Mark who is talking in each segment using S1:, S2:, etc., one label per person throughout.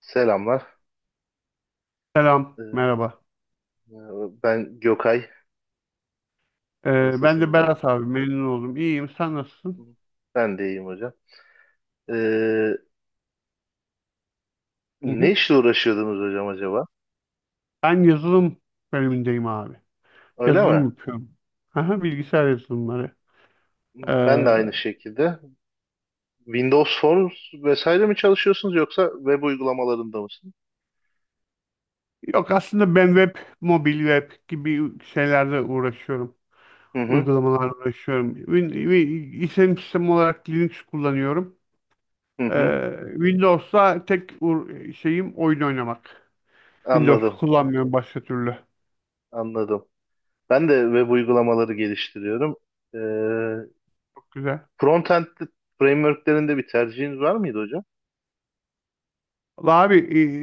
S1: Selamlar.
S2: Selam,
S1: Ee,
S2: merhaba.
S1: Ben Gökay.
S2: Ben de
S1: Nasılsınız hocam?
S2: Berat abi, memnun oldum. İyiyim, sen nasılsın?
S1: Ben de iyiyim hocam. Ee,
S2: Hı
S1: Ne
S2: hı.
S1: işle uğraşıyordunuz hocam acaba?
S2: Ben yazılım bölümündeyim abi.
S1: Öyle
S2: Yazılım
S1: mi?
S2: yapıyorum. Aha, bilgisayar yazılımları. Ee,
S1: Ben de aynı şekilde. Windows Forms vesaire mi çalışıyorsunuz yoksa web uygulamalarında mısınız?
S2: yok aslında ben web, mobil web gibi şeylerle uğraşıyorum.
S1: Hı hı,
S2: Uygulamalarla uğraşıyorum. Win, wi- işletim sistemi olarak Linux kullanıyorum.
S1: hı hı.
S2: Windows'ta tek şeyim oyun oynamak. Windows'u
S1: Anladım,
S2: kullanmıyorum başka türlü.
S1: anladım. Ben de web uygulamaları geliştiriyorum. Ee,
S2: Güzel.
S1: Frontend frameworklerinde bir tercihiniz var mıydı hocam?
S2: Vallahi Abi,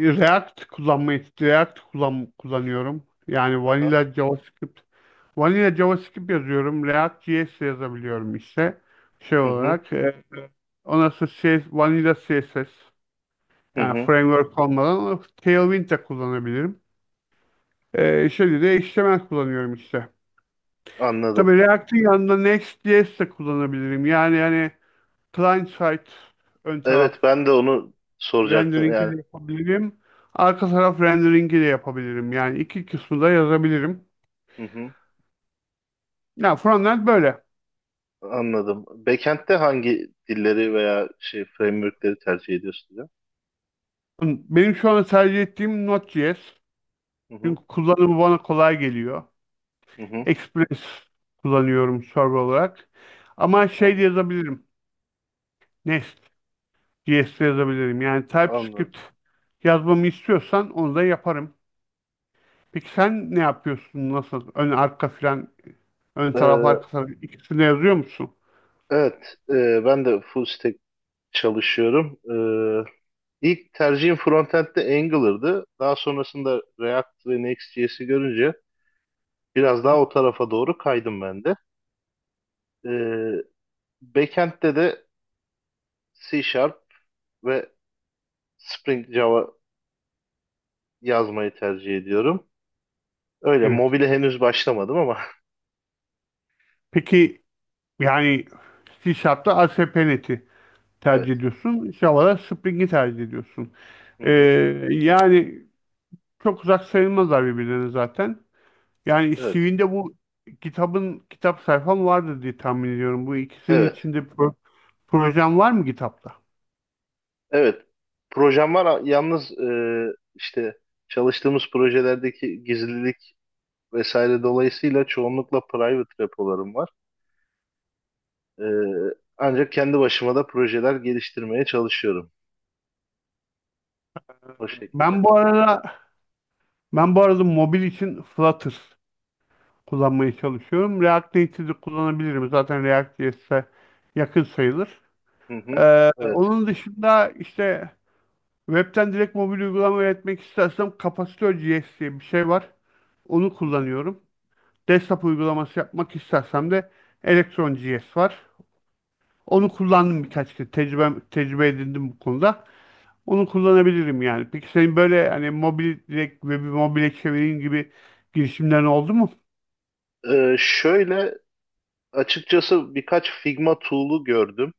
S2: e, React kullanmayı React kullan, kullanıyorum. Yani
S1: Aha.
S2: Vanilla JavaScript yazıyorum. React.js yazabiliyorum işte. Şey
S1: Hı hı,
S2: olarak ondan sonra Vanilla CSS
S1: hı
S2: yani
S1: hı.
S2: framework olmadan Tailwind de kullanabilirim. Şimdi de HTML kullanıyorum işte.
S1: Anladım.
S2: Tabii React'in yanında Next.js de kullanabilirim. Yani hani client side ön taraf
S1: Evet ben de onu soracaktım
S2: rendering'i
S1: yani.
S2: de yapabilirim. Arka taraf rendering'i de yapabilirim. Yani iki kısmı da yazabilirim.
S1: Hı hı,
S2: Ya frontend böyle.
S1: anladım. Backend'de hangi dilleri veya şey framework'leri tercih ediyorsun diyor.
S2: Benim şu an tercih ettiğim Node.js.
S1: Hı hı,
S2: Çünkü kullanımı bana kolay geliyor.
S1: hı hı,
S2: Express kullanıyorum server olarak. Ama şey de
S1: anladım.
S2: yazabilirim. Nest.js de yazabilirim. Yani
S1: Anladım.
S2: TypeScript yazmamı istiyorsan onu da yaparım. Peki sen ne yapıyorsun? Nasıl? Ön taraf arka
S1: Ee,
S2: taraf ikisini de yazıyor musun?
S1: evet, ben de full stack çalışıyorum. Ee, ilk tercihim frontend'de Angular'dı. Daha sonrasında React ve Next.js'i görünce biraz daha o tarafa doğru kaydım ben de. Ee, Backend'de de C Sharp ve Spring Java yazmayı tercih ediyorum. Öyle
S2: Evet.
S1: mobile henüz başlamadım ama
S2: Peki yani C Sharp'ta ASP.NET'i tercih
S1: evet.
S2: ediyorsun. Java'da Spring'i tercih ediyorsun.
S1: Hı
S2: Ee,
S1: hı.
S2: yani çok uzak sayılmazlar birbirlerine zaten. Yani
S1: Evet.
S2: CV'nde bu kitap sayfam vardır diye tahmin ediyorum. Bu ikisinin
S1: Evet.
S2: içinde projem var mı kitapta?
S1: Evet. Projem var yalnız işte çalıştığımız projelerdeki gizlilik vesaire dolayısıyla çoğunlukla private repolarım var. E, Ancak kendi başıma da projeler geliştirmeye çalışıyorum. O şekilde.
S2: Ben bu arada ben bu arada mobil için Flutter kullanmaya çalışıyorum. React Native'i kullanabilirim. Zaten React.js'e yakın sayılır.
S1: Hı hı.
S2: Ee,
S1: Evet.
S2: onun dışında işte Web'ten direkt mobil uygulama üretmek istersem Capacitör.js diye bir şey var. Onu
S1: Hı hı.
S2: kullanıyorum. Desktop uygulaması yapmak istersem de Electron.js var. Onu
S1: Hı.
S2: kullandım birkaç kez. Tecrübe edindim bu konuda. Onu kullanabilirim yani. Peki senin böyle hani mobil direkt web'i mobile çevireyim gibi girişimlerin oldu mu?
S1: Şöyle açıkçası birkaç Figma tool'u gördüm.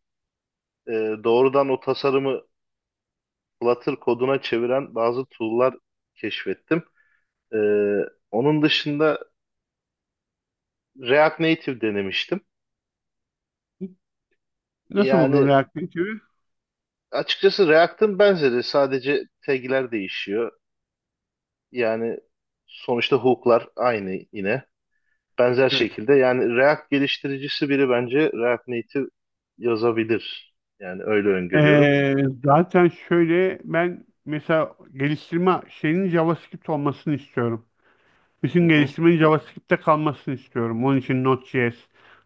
S1: Ee, Doğrudan o tasarımı Flutter koduna çeviren bazı tool'lar keşfettim. Ee, Onun dışında React Native denemiştim.
S2: Nasıl buldun
S1: Yani
S2: React Native'i?
S1: açıkçası React'ın benzeri, sadece tag'ler değişiyor. Yani sonuçta hook'lar aynı yine. Benzer
S2: Evet.
S1: şekilde yani React geliştiricisi biri bence React Native yazabilir. Yani öyle öngörüyorum.
S2: Ee, zaten şöyle ben mesela geliştirme şeyinin JavaScript olmasını istiyorum.
S1: Hı
S2: Bütün
S1: hı.
S2: geliştirmenin JavaScript'te kalmasını istiyorum. Onun için Node.js,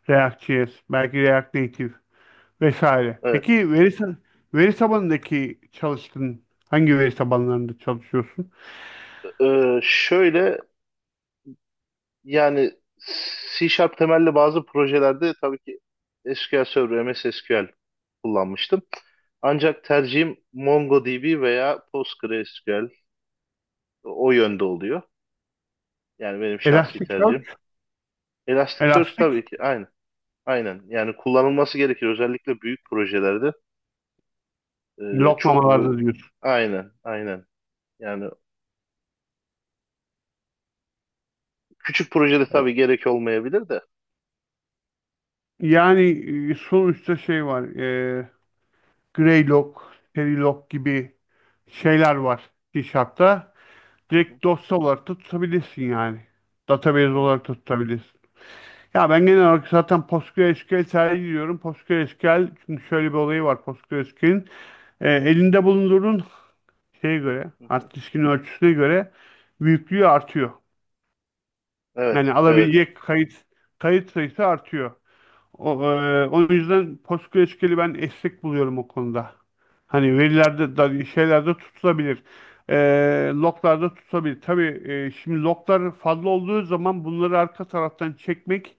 S2: React.js, belki React Native vesaire.
S1: Evet.
S2: Peki veri tabanındaki çalıştığın hangi veri tabanlarında çalışıyorsun?
S1: Şöyle yani C Sharp temelli bazı projelerde tabii ki SQL Server, MS SQL kullanmıştım. Ancak tercihim MongoDB veya PostgreSQL, o yönde oluyor. Yani benim şahsi tercihim.
S2: Elasticsearch,
S1: Elasticsearch tabii
S2: Elastic,
S1: ki aynı. Aynen. Yani kullanılması gerekir. Özellikle büyük projelerde e, çok
S2: loglamalarda
S1: v-
S2: diyorsun.
S1: aynen, aynen. Yani küçük projede tabii gerek olmayabilir de.
S2: Yani sonuçta şey var. Greylog, Verilog gibi şeyler var C Sharp'ta.
S1: Hı hı.
S2: Direkt dosya olarak da tutabilirsin yani. Database olarak da tutabilirsin. Ya ben genel olarak zaten PostgreSQL tercih ediyorum. PostgreSQL, çünkü şöyle bir olayı var PostgreSQL'in. Elinde bulunduğun şeye göre,
S1: Hı hı.
S2: hard diskin ölçüsüne göre büyüklüğü artıyor. Yani
S1: Evet, evet.
S2: alabilecek kayıt sayısı artıyor. O yüzden PostgreSQL'i ben esnek buluyorum o konuda.
S1: Hı
S2: Hani
S1: hı.
S2: verilerde da şeylerde tutulabilir. E, loglarda tutulabilir. Tabii şimdi loglar fazla olduğu zaman bunları arka taraftan çekmek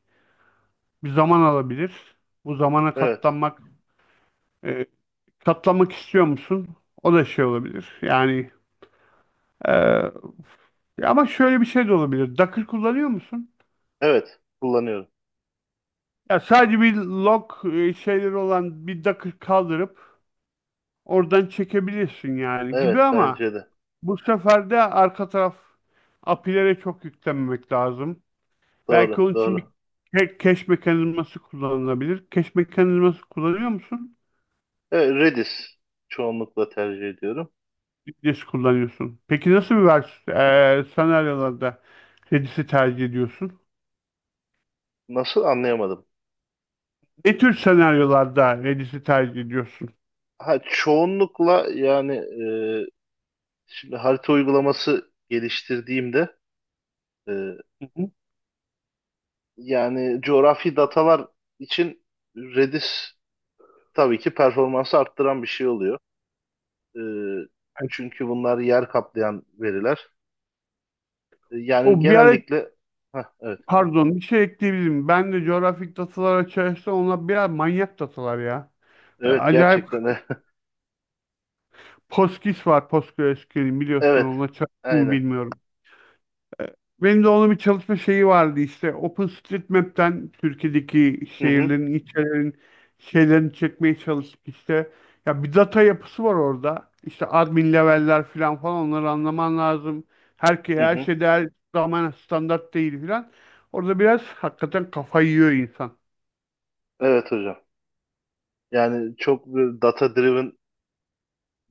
S2: bir zaman alabilir. Bu zamana
S1: Evet,
S2: e, katlanmak istiyor musun? O da şey olabilir. Yani e, ama şöyle bir şey de olabilir. Docker kullanıyor musun?
S1: evet. Kullanıyorum.
S2: Ya sadece bir şeyleri olan bir Docker kaldırıp oradan çekebilirsin yani gibi,
S1: Evet bence
S2: ama
S1: de.
S2: bu sefer de arka taraf API'lere çok yüklenmemek lazım. Belki
S1: Doğru,
S2: onun için
S1: doğru.
S2: bir cache mekanizması kullanılabilir. Cache mekanizması kullanıyor musun?
S1: Evet, Redis çoğunlukla tercih ediyorum.
S2: Redis kullanıyorsun. Peki nasıl bir
S1: Aha.
S2: senaryolarda Redis'i tercih ediyorsun?
S1: Nasıl, anlayamadım.
S2: Ne tür senaryolarda Redis'i tercih ediyorsun?
S1: Ha, çoğunlukla yani şimdi harita uygulaması geliştirdiğimde, e,
S2: Hı hı.
S1: yani coğrafi datalar için Redis tabii ki performansı arttıran bir şey oluyor. E,
S2: Evet.
S1: Çünkü bunlar yer kaplayan veriler. Yani
S2: O bir ara,
S1: genellikle hah, evet.
S2: pardon, bir şey ekleyebilirim. Ben de coğrafik datalar açarsa, onlar biraz manyak datalar ya.
S1: Evet
S2: Acayip
S1: gerçekten.
S2: PostGIS var PostgreSQL'in, biliyorsun.
S1: Evet.
S2: Ona çalıştım mı
S1: Aynen.
S2: bilmiyorum. Ee, Benim de onun bir çalışma şeyi vardı işte, OpenStreetMap'ten Türkiye'deki
S1: Hı hı.
S2: şehirlerin, ilçelerin şeylerini çekmeye çalıştık işte. Ya bir data yapısı var orada. İşte admin level'ler falan, onları anlaman lazım. Herkese
S1: Hı
S2: her
S1: hı.
S2: şey değer zaman standart değil falan. Orada biraz hakikaten kafayı yiyor insan.
S1: Evet hocam. Yani çok böyle data driven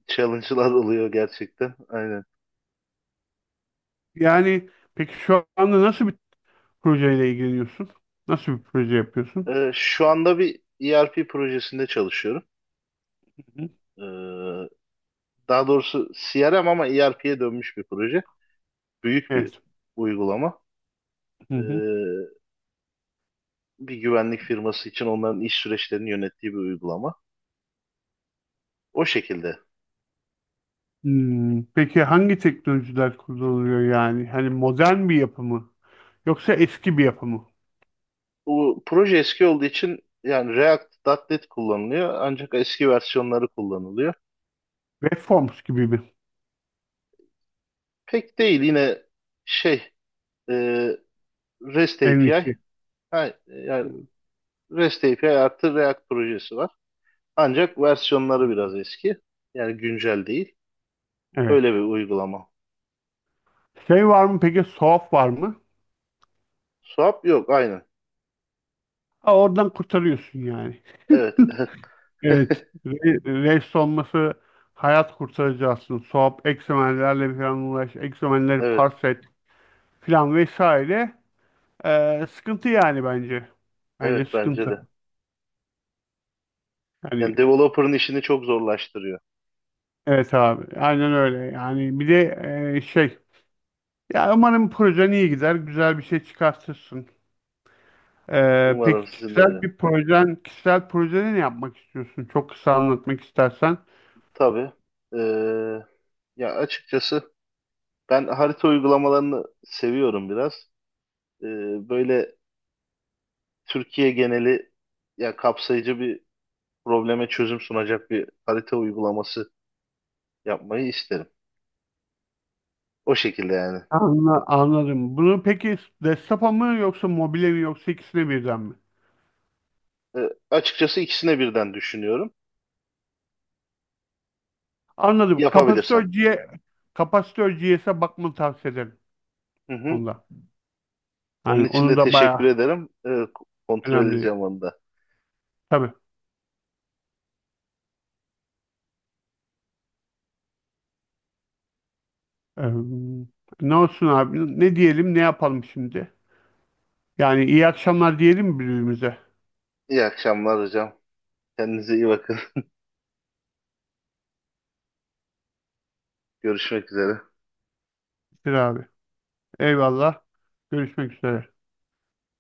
S1: challenge'lar oluyor gerçekten. Aynen.
S2: Yani peki şu anda nasıl bir projeyle ilgileniyorsun? Nasıl bir proje yapıyorsun?
S1: Şu anda bir ERP projesinde çalışıyorum.
S2: Hı.
S1: Ee, Daha doğrusu CRM, ama ERP'ye dönmüş bir proje. Büyük bir
S2: Evet.
S1: uygulama. Ee, Bir güvenlik firması için onların iş süreçlerini yönettiği bir uygulama. O şekilde.
S2: Hmm, peki hangi teknolojiler kullanılıyor yani? Hani modern bir yapı mı? Yoksa eski bir yapı mı?
S1: Bu proje eski olduğu için yani React.NET kullanılıyor, ancak eski versiyonları kullanılıyor.
S2: Waveforms gibi mi?
S1: Pek değil, yine şey e, REST
S2: En
S1: API.
S2: iyisi.
S1: Ha, yani REST API artı React projesi var. Ancak versiyonları biraz eski. Yani güncel değil.
S2: Evet.
S1: Öyle bir uygulama.
S2: Şey var mı peki? Soğuk var mı?
S1: Swap yok, aynen.
S2: Ha, oradan kurtarıyorsun yani.
S1: Evet.
S2: Evet. Rest olması hayat kurtarıcı aslında. Soğuk, eksemenlerle falan uğraş, eksemenleri
S1: Evet.
S2: parse et falan vesaire. Sıkıntı yani bence. Bence
S1: Evet bence
S2: sıkıntı.
S1: de.
S2: Yani
S1: Yani developer'ın işini çok zorlaştırıyor.
S2: evet abi. Aynen öyle.
S1: Hı hı.
S2: Yani bir de e, şey ya, umarım projen iyi gider, güzel bir şey çıkartırsın. Ee,
S1: Umarım
S2: peki
S1: sizin de
S2: kişisel
S1: hocam.
S2: bir projen, kişisel projeni ne yapmak istiyorsun? Çok kısa anlatmak istersen.
S1: Tabii. Ee, Ya açıkçası ben harita uygulamalarını seviyorum biraz. Ee, Böyle Türkiye geneli, ya kapsayıcı bir, probleme çözüm sunacak bir harita uygulaması yapmayı isterim. O şekilde yani.
S2: Anladım. Bunu peki desktopa mı yoksa mobile mi yoksa ikisine birden mi?
S1: E, Açıkçası ikisine birden düşünüyorum.
S2: Anladım. Kapasitör
S1: Yapabilirsem.
S2: G, kapasitör kapasitör.js'e bakmanı tavsiye ederim
S1: Hı hı.
S2: onda.
S1: Onun
S2: Yani
S1: için
S2: onun
S1: de
S2: da
S1: teşekkür
S2: bayağı
S1: ederim. Kontrol
S2: önemli.
S1: edeceğim onu da.
S2: Tabii. Ee, ne olsun abi? Ne diyelim, ne yapalım şimdi? Yani iyi akşamlar diyelim mi birbirimize?
S1: İyi akşamlar hocam. Kendinize iyi bakın. Görüşmek üzere.
S2: Bir abi. Eyvallah. Görüşmek üzere.